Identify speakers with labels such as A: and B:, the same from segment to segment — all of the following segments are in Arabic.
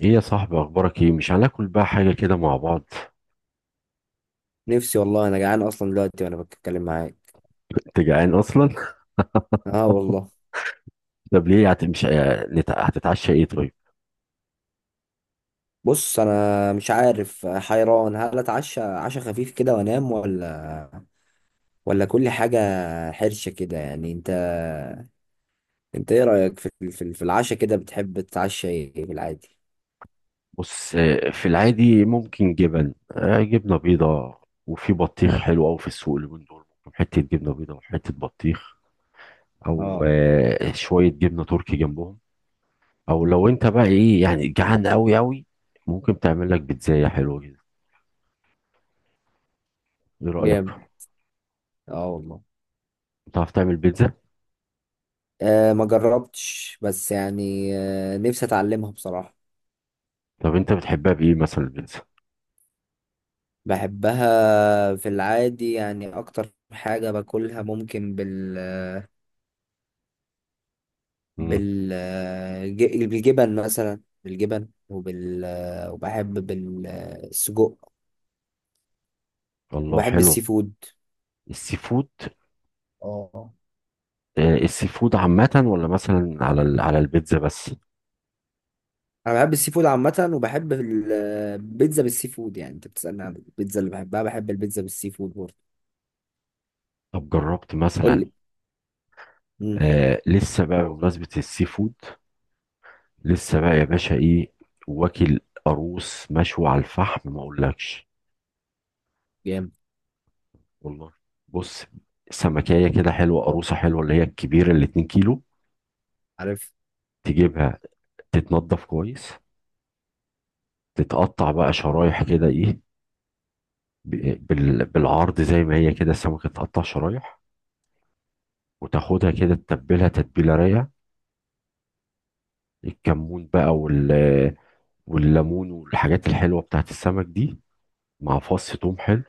A: ايه يا صاحبي، اخبارك ايه؟ مش هناكل بقى حاجه كده مع بعض؟
B: نفسي والله انا جعان اصلا دلوقتي وانا بتكلم معاك.
A: كنت جعان اصلا.
B: اه والله.
A: طب ليه مش هتتعشى ايه طيب؟
B: بص انا مش عارف، حيران هل اتعشى عشاء خفيف كده وانام ولا كل حاجه حرشه كده، يعني انت. انت ايه رايك في العشاء كده؟ بتحب تتعشى ايه في العادي؟
A: بص، في العادي ممكن جبن، جبنه بيضاء. وفي بطيخ حلو قوي في السوق اليومين دول، ممكن حته جبنه بيضاء وحته بطيخ، او
B: اه
A: شويه جبنه تركي جنبهم. او لو انت بقى ايه يعني جعان قوي قوي، ممكن تعمل لك بيتزايه حلوه كده. ايه رايك؟
B: جامد. اه والله.
A: بتعرف تعمل بيتزا؟
B: آه ما جربتش، بس يعني آه نفسي اتعلمها بصراحه.
A: طب انت بتحبها بايه مثلا البيتزا؟
B: بحبها في العادي، يعني اكتر حاجه باكلها ممكن بالفراخ،
A: مم.
B: بال بالجبن مثلا، بالجبن وبحب بالسجق.
A: الله،
B: وبحب السي
A: حلو.
B: فود.
A: السي فود.
B: اه
A: السي فود عامة، ولا مثلا على على البيتزا بس؟
B: انا بحب السي فود عامة، وبحب البيتزا بالسي فود. يعني انت بتسألني عن البيتزا اللي بحبها، بحب البيتزا بالسي فود برضه.
A: طب جربت
B: قول
A: مثلا؟
B: لي. امم
A: آه، لسه بقى بمناسبة السي فود. لسه بقى يا باشا ايه؟ واكل قاروص مشوي على الفحم ما اقولكش.
B: جامد.
A: والله. بص، سمكية كده حلوة، قاروصة حلوة اللي هي الكبيرة اللي 2 كيلو،
B: عارف.
A: تجيبها، تتنضف كويس، تتقطع بقى شرايح كده ايه، بالعرض زي ما هي كده السمكة تتقطع شرايح. وتاخدها كده تتبلها تتبيلة رايقة، الكمون بقى والليمون والحاجات الحلوه بتاعت السمك دي، مع فص توم حلو.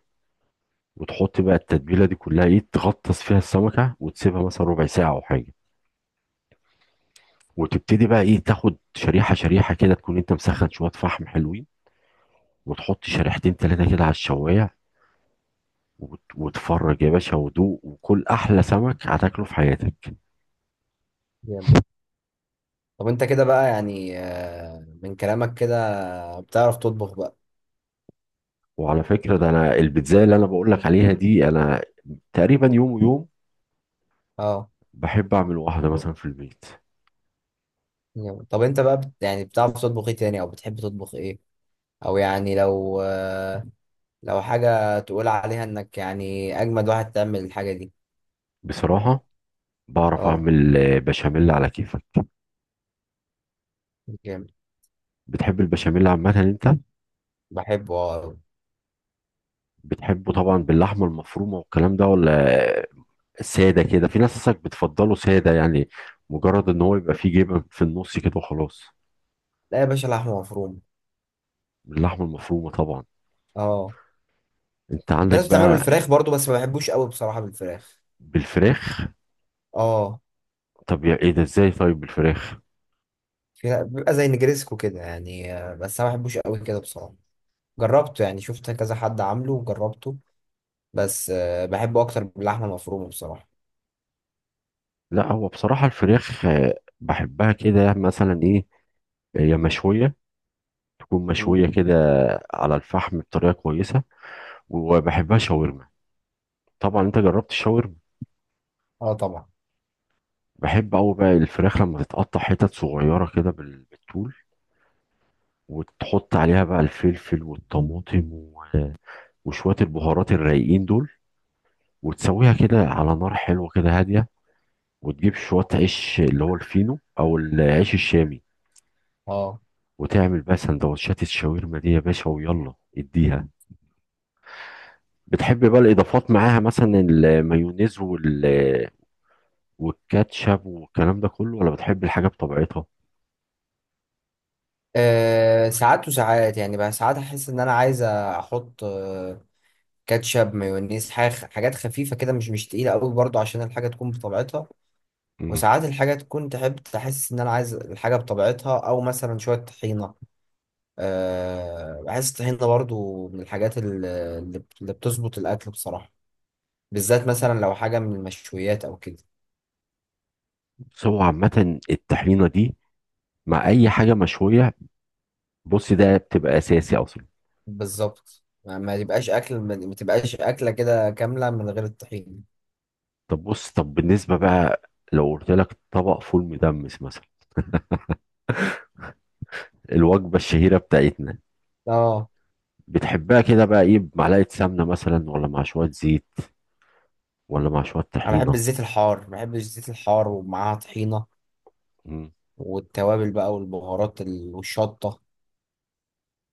A: وتحط بقى التتبيله دي كلها ايه، تغطس فيها السمكه وتسيبها مثلا ربع ساعه او حاجه. وتبتدي بقى ايه، تاخد شريحه شريحه كده، تكون انت مسخن شويه فحم حلوين، وتحط شريحتين ثلاثه كده على الشوايه، وتفرج يا باشا ودوق، وكل احلى سمك هتاكله في حياتك.
B: جامد. طب انت كده بقى يعني آه، من كلامك كده بتعرف تطبخ بقى.
A: وعلى فكره، ده انا البيتزا اللي انا بقول لك عليها دي، انا تقريبا يوم ويوم
B: اه
A: بحب اعمل واحده مثلا في البيت.
B: جامد. طب انت بقى بت يعني بتعرف تطبخ ايه تاني، او بتحب تطبخ ايه؟ او يعني لو حاجة تقول عليها انك يعني اجمد واحد تعمل الحاجة دي.
A: بصراحه بعرف
B: اه
A: اعمل بشاميل على كيفك.
B: جامد.
A: بتحب البشاميل عامة انت؟
B: بحبه اه.
A: بتحبه طبعا باللحمة المفرومة والكلام ده، ولا سادة كده؟ في ناس اصلا بتفضله سادة يعني، مجرد ان هو يبقى فيه جبن في النص كده وخلاص.
B: لا يا باشا، لحمة مفرومة.
A: باللحمة المفرومة طبعا.
B: اه.
A: انت
B: في
A: عندك
B: ناس بتعمله
A: بقى؟
B: بالفراخ برضو، بس ما بحبوش قوي بصراحة بالفراخ.
A: بالفراخ؟
B: اه.
A: طب يا ايه ده ازاي طيب بالفراخ؟
B: بيبقى زي نجريسكو كده يعني آه، بس انا ما بحبوش قوي كده بصراحة. جربته، يعني شفت كذا حد عامله وجربته، بس آه، بحبه اكتر باللحمة المفرومة بصراحة.
A: لا هو بصراحة الفراخ بحبها كده مثلا ايه، هي مشوية، تكون
B: مم.
A: مشوية كده على الفحم بطريقة كويسة. وبحبها شاورما. طبعا انت جربت الشاورما.
B: اه طبعا.
A: بحب أوي بقى الفراخ لما تتقطع حتت صغيرة كده بالطول، وتحط عليها بقى الفلفل والطماطم وشوية البهارات الرايقين دول، وتسويها كده على نار حلوة كده هادية، وتجيب شوية عيش اللي هو الفينو أو العيش الشامي.
B: اه
A: وتعمل بقى سندوتشات الشاورما دي يا باشا، ويلا اديها. بتحب بقى الإضافات معاها مثلا المايونيز والكاتشب والكلام ده كله، ولا بتحب الحاجة بطبيعتها؟
B: آه، ساعات وساعات، يعني بقى ساعات احس ان انا عايز احط كاتشب، مايونيز، حاجات خفيفة كده، مش تقيلة قوي برضو، عشان الحاجة تكون بطبيعتها.
A: مم.
B: وساعات الحاجة تكون، تحب تحس إن أنا عايز الحاجة بطبيعتها، أو مثلا شوية طحينة. أه، بحس الطحينة برضو من الحاجات اللي بتظبط الأكل بصراحة، بالذات مثلا لو حاجة من المشويات أو كده.
A: بس هو عامة الطحينة دي مع اي حاجه مشويه، بص ده بتبقى اساسي اصلا.
B: بالظبط، ما تبقاش أكل، ما تبقاش أكلة كده كاملة من غير الطحينة.
A: طب بص، طب بالنسبه بقى، لو قلت لك طبق فول مدمس مثلا، الوجبه الشهيره بتاعتنا،
B: اه.
A: بتحبها كده بقى ايه، بمعلقه سمنه مثلا، ولا مع شويه زيت، ولا مع شويه
B: أنا بحب
A: طحينه؟
B: الزيت الحار، بحب الزيت الحار ومعاها طحينة.
A: مم.
B: والتوابل بقى والبهارات والشطة.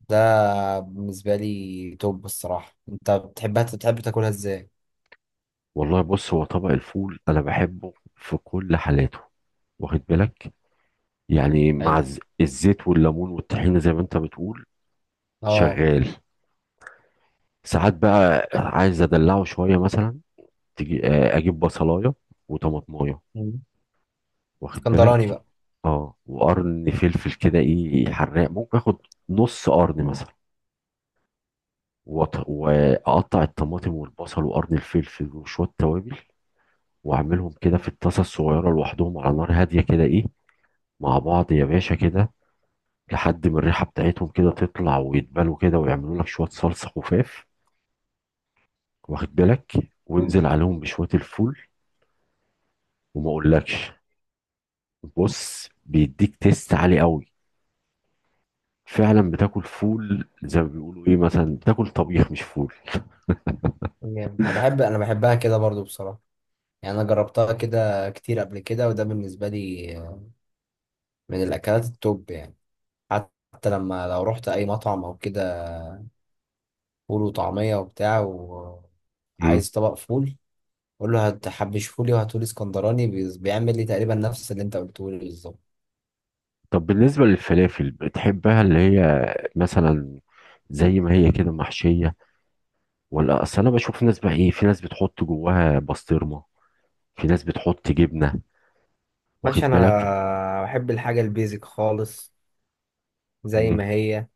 B: ده بالنسبة لي توب الصراحة. انت بتحبها، بتحب تاكلها ازاي؟
A: والله بص هو طبق الفول انا بحبه في كل حالاته، واخد بالك؟ يعني مع
B: حلو.
A: الزيت والليمون والطحينه زي ما انت بتقول.
B: اه.
A: شغال. ساعات بقى عايز ادلعه شويه مثلا، تجي اجيب بصلايه وطماطمايه،
B: مم.
A: واخد
B: اسكندراني
A: بالك؟
B: بقى.
A: اه وقرن فلفل كده ايه حراق، ممكن اخد نص قرن مثلا، واقطع الطماطم والبصل وقرن الفلفل وشويه توابل، واعملهم كده في الطاسه الصغيره لوحدهم على نار هاديه كده ايه، مع بعض يا باشا كده، لحد ما الريحه بتاعتهم كده تطلع ويتبلوا كده ويعملوا لك شويه صلصه خفاف، واخد بالك؟ وانزل عليهم بشويه الفول، وما اقولكش. بص بيديك تيست عالي قوي. فعلا بتاكل فول زي ما بيقولوا ايه، مثلا بتاكل طبيخ مش فول.
B: جامد. انا بحب، انا بحبها كده برضو بصراحة، يعني انا جربتها كده كتير قبل كده، وده بالنسبة لي من الاكلات التوب يعني. حتى لما لو رحت اي مطعم او كده، فول وطعمية وبتاع،
A: مم.
B: وعايز طبق فول، قول له هتحبش فولي وهاتولي اسكندراني، بيعمل لي تقريبا نفس اللي انت قلته لي بالظبط.
A: طب بالنسبة للفلافل بتحبها اللي هي مثلا زي ما هي كده محشية، ولا؟ أصل أنا بشوف ناس بقى إيه، في ناس بتحط جواها بسطرمة، في ناس بتحط جبنة،
B: باشا
A: واخد بالك؟
B: انا بحب الحاجة البيزك خالص، زي
A: مم.
B: ما هي،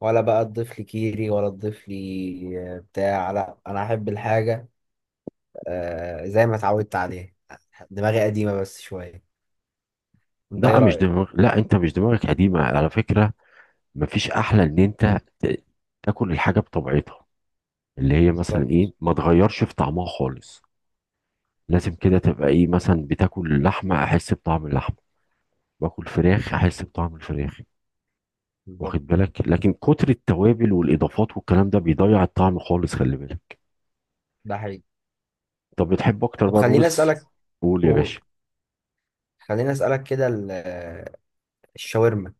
B: ولا بقى تضيف لي كيري، ولا تضيف لي آه، بتاع. لا انا احب الحاجه آه، زي ما اتعودت عليها. دماغي قديمه بس شويه. انت ايه
A: لا مش
B: رايك؟
A: دماغ، لا أنت مش دماغك قديمة على فكرة. مفيش أحلى إن تاكل الحاجة بطبيعتها، اللي هي مثلا إيه،
B: بالظبط.
A: ما تغيرش في طعمها خالص. لازم كده تبقى إيه مثلا، بتاكل اللحمة أحس بطعم اللحمة، باكل فراخ احس بطعم الفراخ،
B: بالظبط.
A: واخد بالك؟ لكن كتر التوابل والاضافات والكلام ده بيضيع الطعم خالص، خلي بالك.
B: ده حقيقي.
A: طب بتحب اكتر
B: طب
A: بقى
B: خليني
A: الرز؟
B: اسالك.
A: قول يا
B: قول.
A: باشا.
B: خليني اسالك كده الشاورما،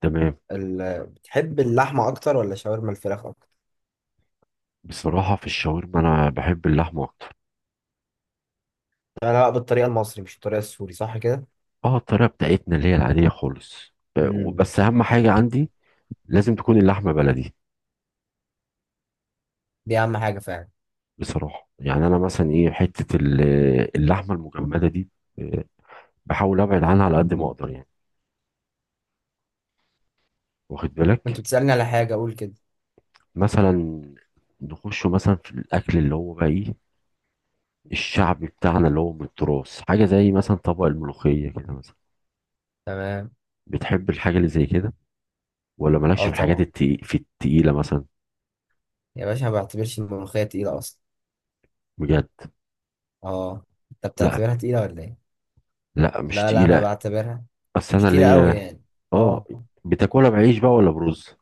A: تمام.
B: بتحب اللحمه اكتر ولا شاورما الفراخ اكتر؟
A: بصراحه في الشاورما انا بحب اللحمه اكتر.
B: انا بقى بالطريقه المصري مش الطريقه السوري، صح كده؟
A: اه الطريقه بتاعتنا اللي هي العاديه خالص،
B: امم.
A: وبس اهم حاجه عندي لازم تكون اللحمه بلدي.
B: دي اهم حاجه فعلا.
A: بصراحه يعني انا مثلا ايه، حته اللحمه المجمده دي، آه، بحاول ابعد عنها على قد ما اقدر يعني، واخد بالك؟
B: انت بتسالني على حاجه اقول كده.
A: مثلا نخش مثلا في الاكل اللي هو بقى ايه، الشعبي بتاعنا اللي هو من التراث، حاجة زي مثلا طبق الملوخية كده مثلا.
B: تمام.
A: بتحب الحاجة اللي زي كده، ولا مالكش
B: اه
A: في
B: طبعا.
A: في التقيلة مثلا؟
B: يا باشا ما بعتبرش الملوخيه تقيله اصلا.
A: بجد؟
B: اه. انت
A: لا،
B: بتعتبرها تقيلة ولا ايه؟
A: لا مش
B: لا لا انا
A: تقيلة.
B: بعتبرها
A: أصل
B: مش
A: أنا
B: تقيلة قوي
A: ليا،
B: يعني.
A: اه.
B: اه.
A: بتاكلها بعيش بقى ولا برز؟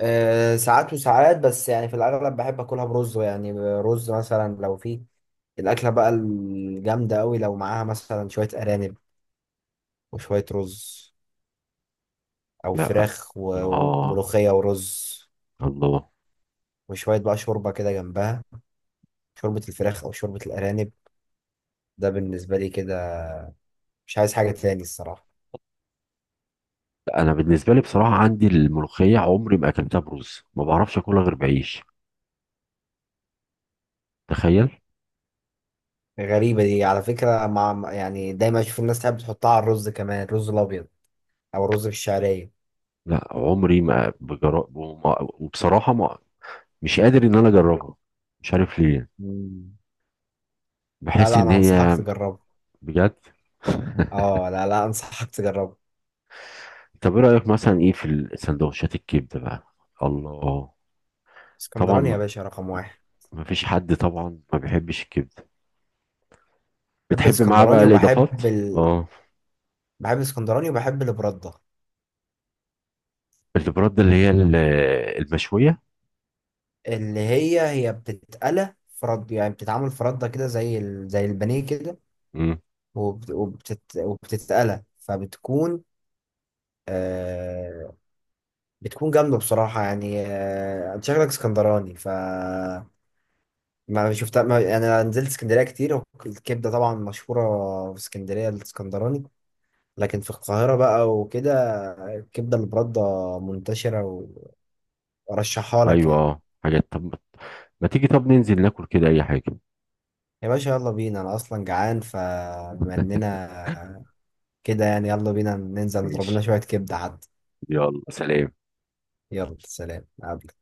B: آه، ساعات وساعات، بس يعني في الأغلب بحب أكلها برز، يعني رز مثلا. لو في الأكلة بقى الجامدة أوي، لو معاها مثلا شوية أرانب وشوية رز، أو
A: لا.
B: فراخ
A: اه.
B: وملوخية ورز،
A: الله.
B: وشوية بقى شوربة كده جنبها، شوربة الفراخ أو شوربة الأرانب. ده بالنسبة لي كده، مش عايز حاجة تاني الصراحة.
A: لا، أنا بالنسبة لي بصراحة عندي الملوخية عمري ما أكلتها برز، ما بعرفش أكلها غير بعيش، تخيل.
B: غريبة دي على فكرة، يعني دايما أشوف الناس تحب تحطها على الرز كمان، الرز الأبيض أو الرز بالشعرية.
A: لا عمري ما بجرب، وبصراحة ما مش قادر إن أنا أجربها، مش عارف ليه.
B: مم. لا
A: بحس
B: لا
A: إن
B: أنا أنصحك
A: هي.
B: تجربه.
A: بجد.
B: أه لا لا أنصحك تجربه.
A: طب ايه رأيك مثلا ايه في السندوتشات الكبدة بقى؟ الله. طبعا
B: اسكندراني يا
A: ما
B: باشا، رقم واحد.
A: ما فيش حد طبعا ما بيحبش الكبدة.
B: بحب
A: بتحب معاه بقى
B: الاسكندراني
A: الإضافات؟
B: وبحب
A: اه.
B: بحب الاسكندراني وبحب البردة،
A: البرد اللي هي المشوية.
B: اللي هي بتتقلى فرد، يعني بتتعمل فرده كده زي زي البانيه كده.
A: امم.
B: وبتتقلى فبتكون آه... بتكون جامدة بصراحة، يعني أنت شكلك اسكندراني ف ما شفتها. ما يعني انا نزلت اسكندريه كتير، الكبده طبعا مشهوره في اسكندريه الاسكندراني، لكن في القاهره بقى وكده الكبده البرده منتشره، وارشحها لك
A: ايوه
B: يعني.
A: اه حاجات. طب ما تيجي طب ننزل ناكل كده اي حاجة.
B: يا باشا يلا بينا، انا اصلا جعان، فبما اننا كده يعني يلا بينا ننزل نضرب لنا
A: ماشي.
B: شويه كبده حتى.
A: يلا سلام.
B: يلا سلام. أقابلك.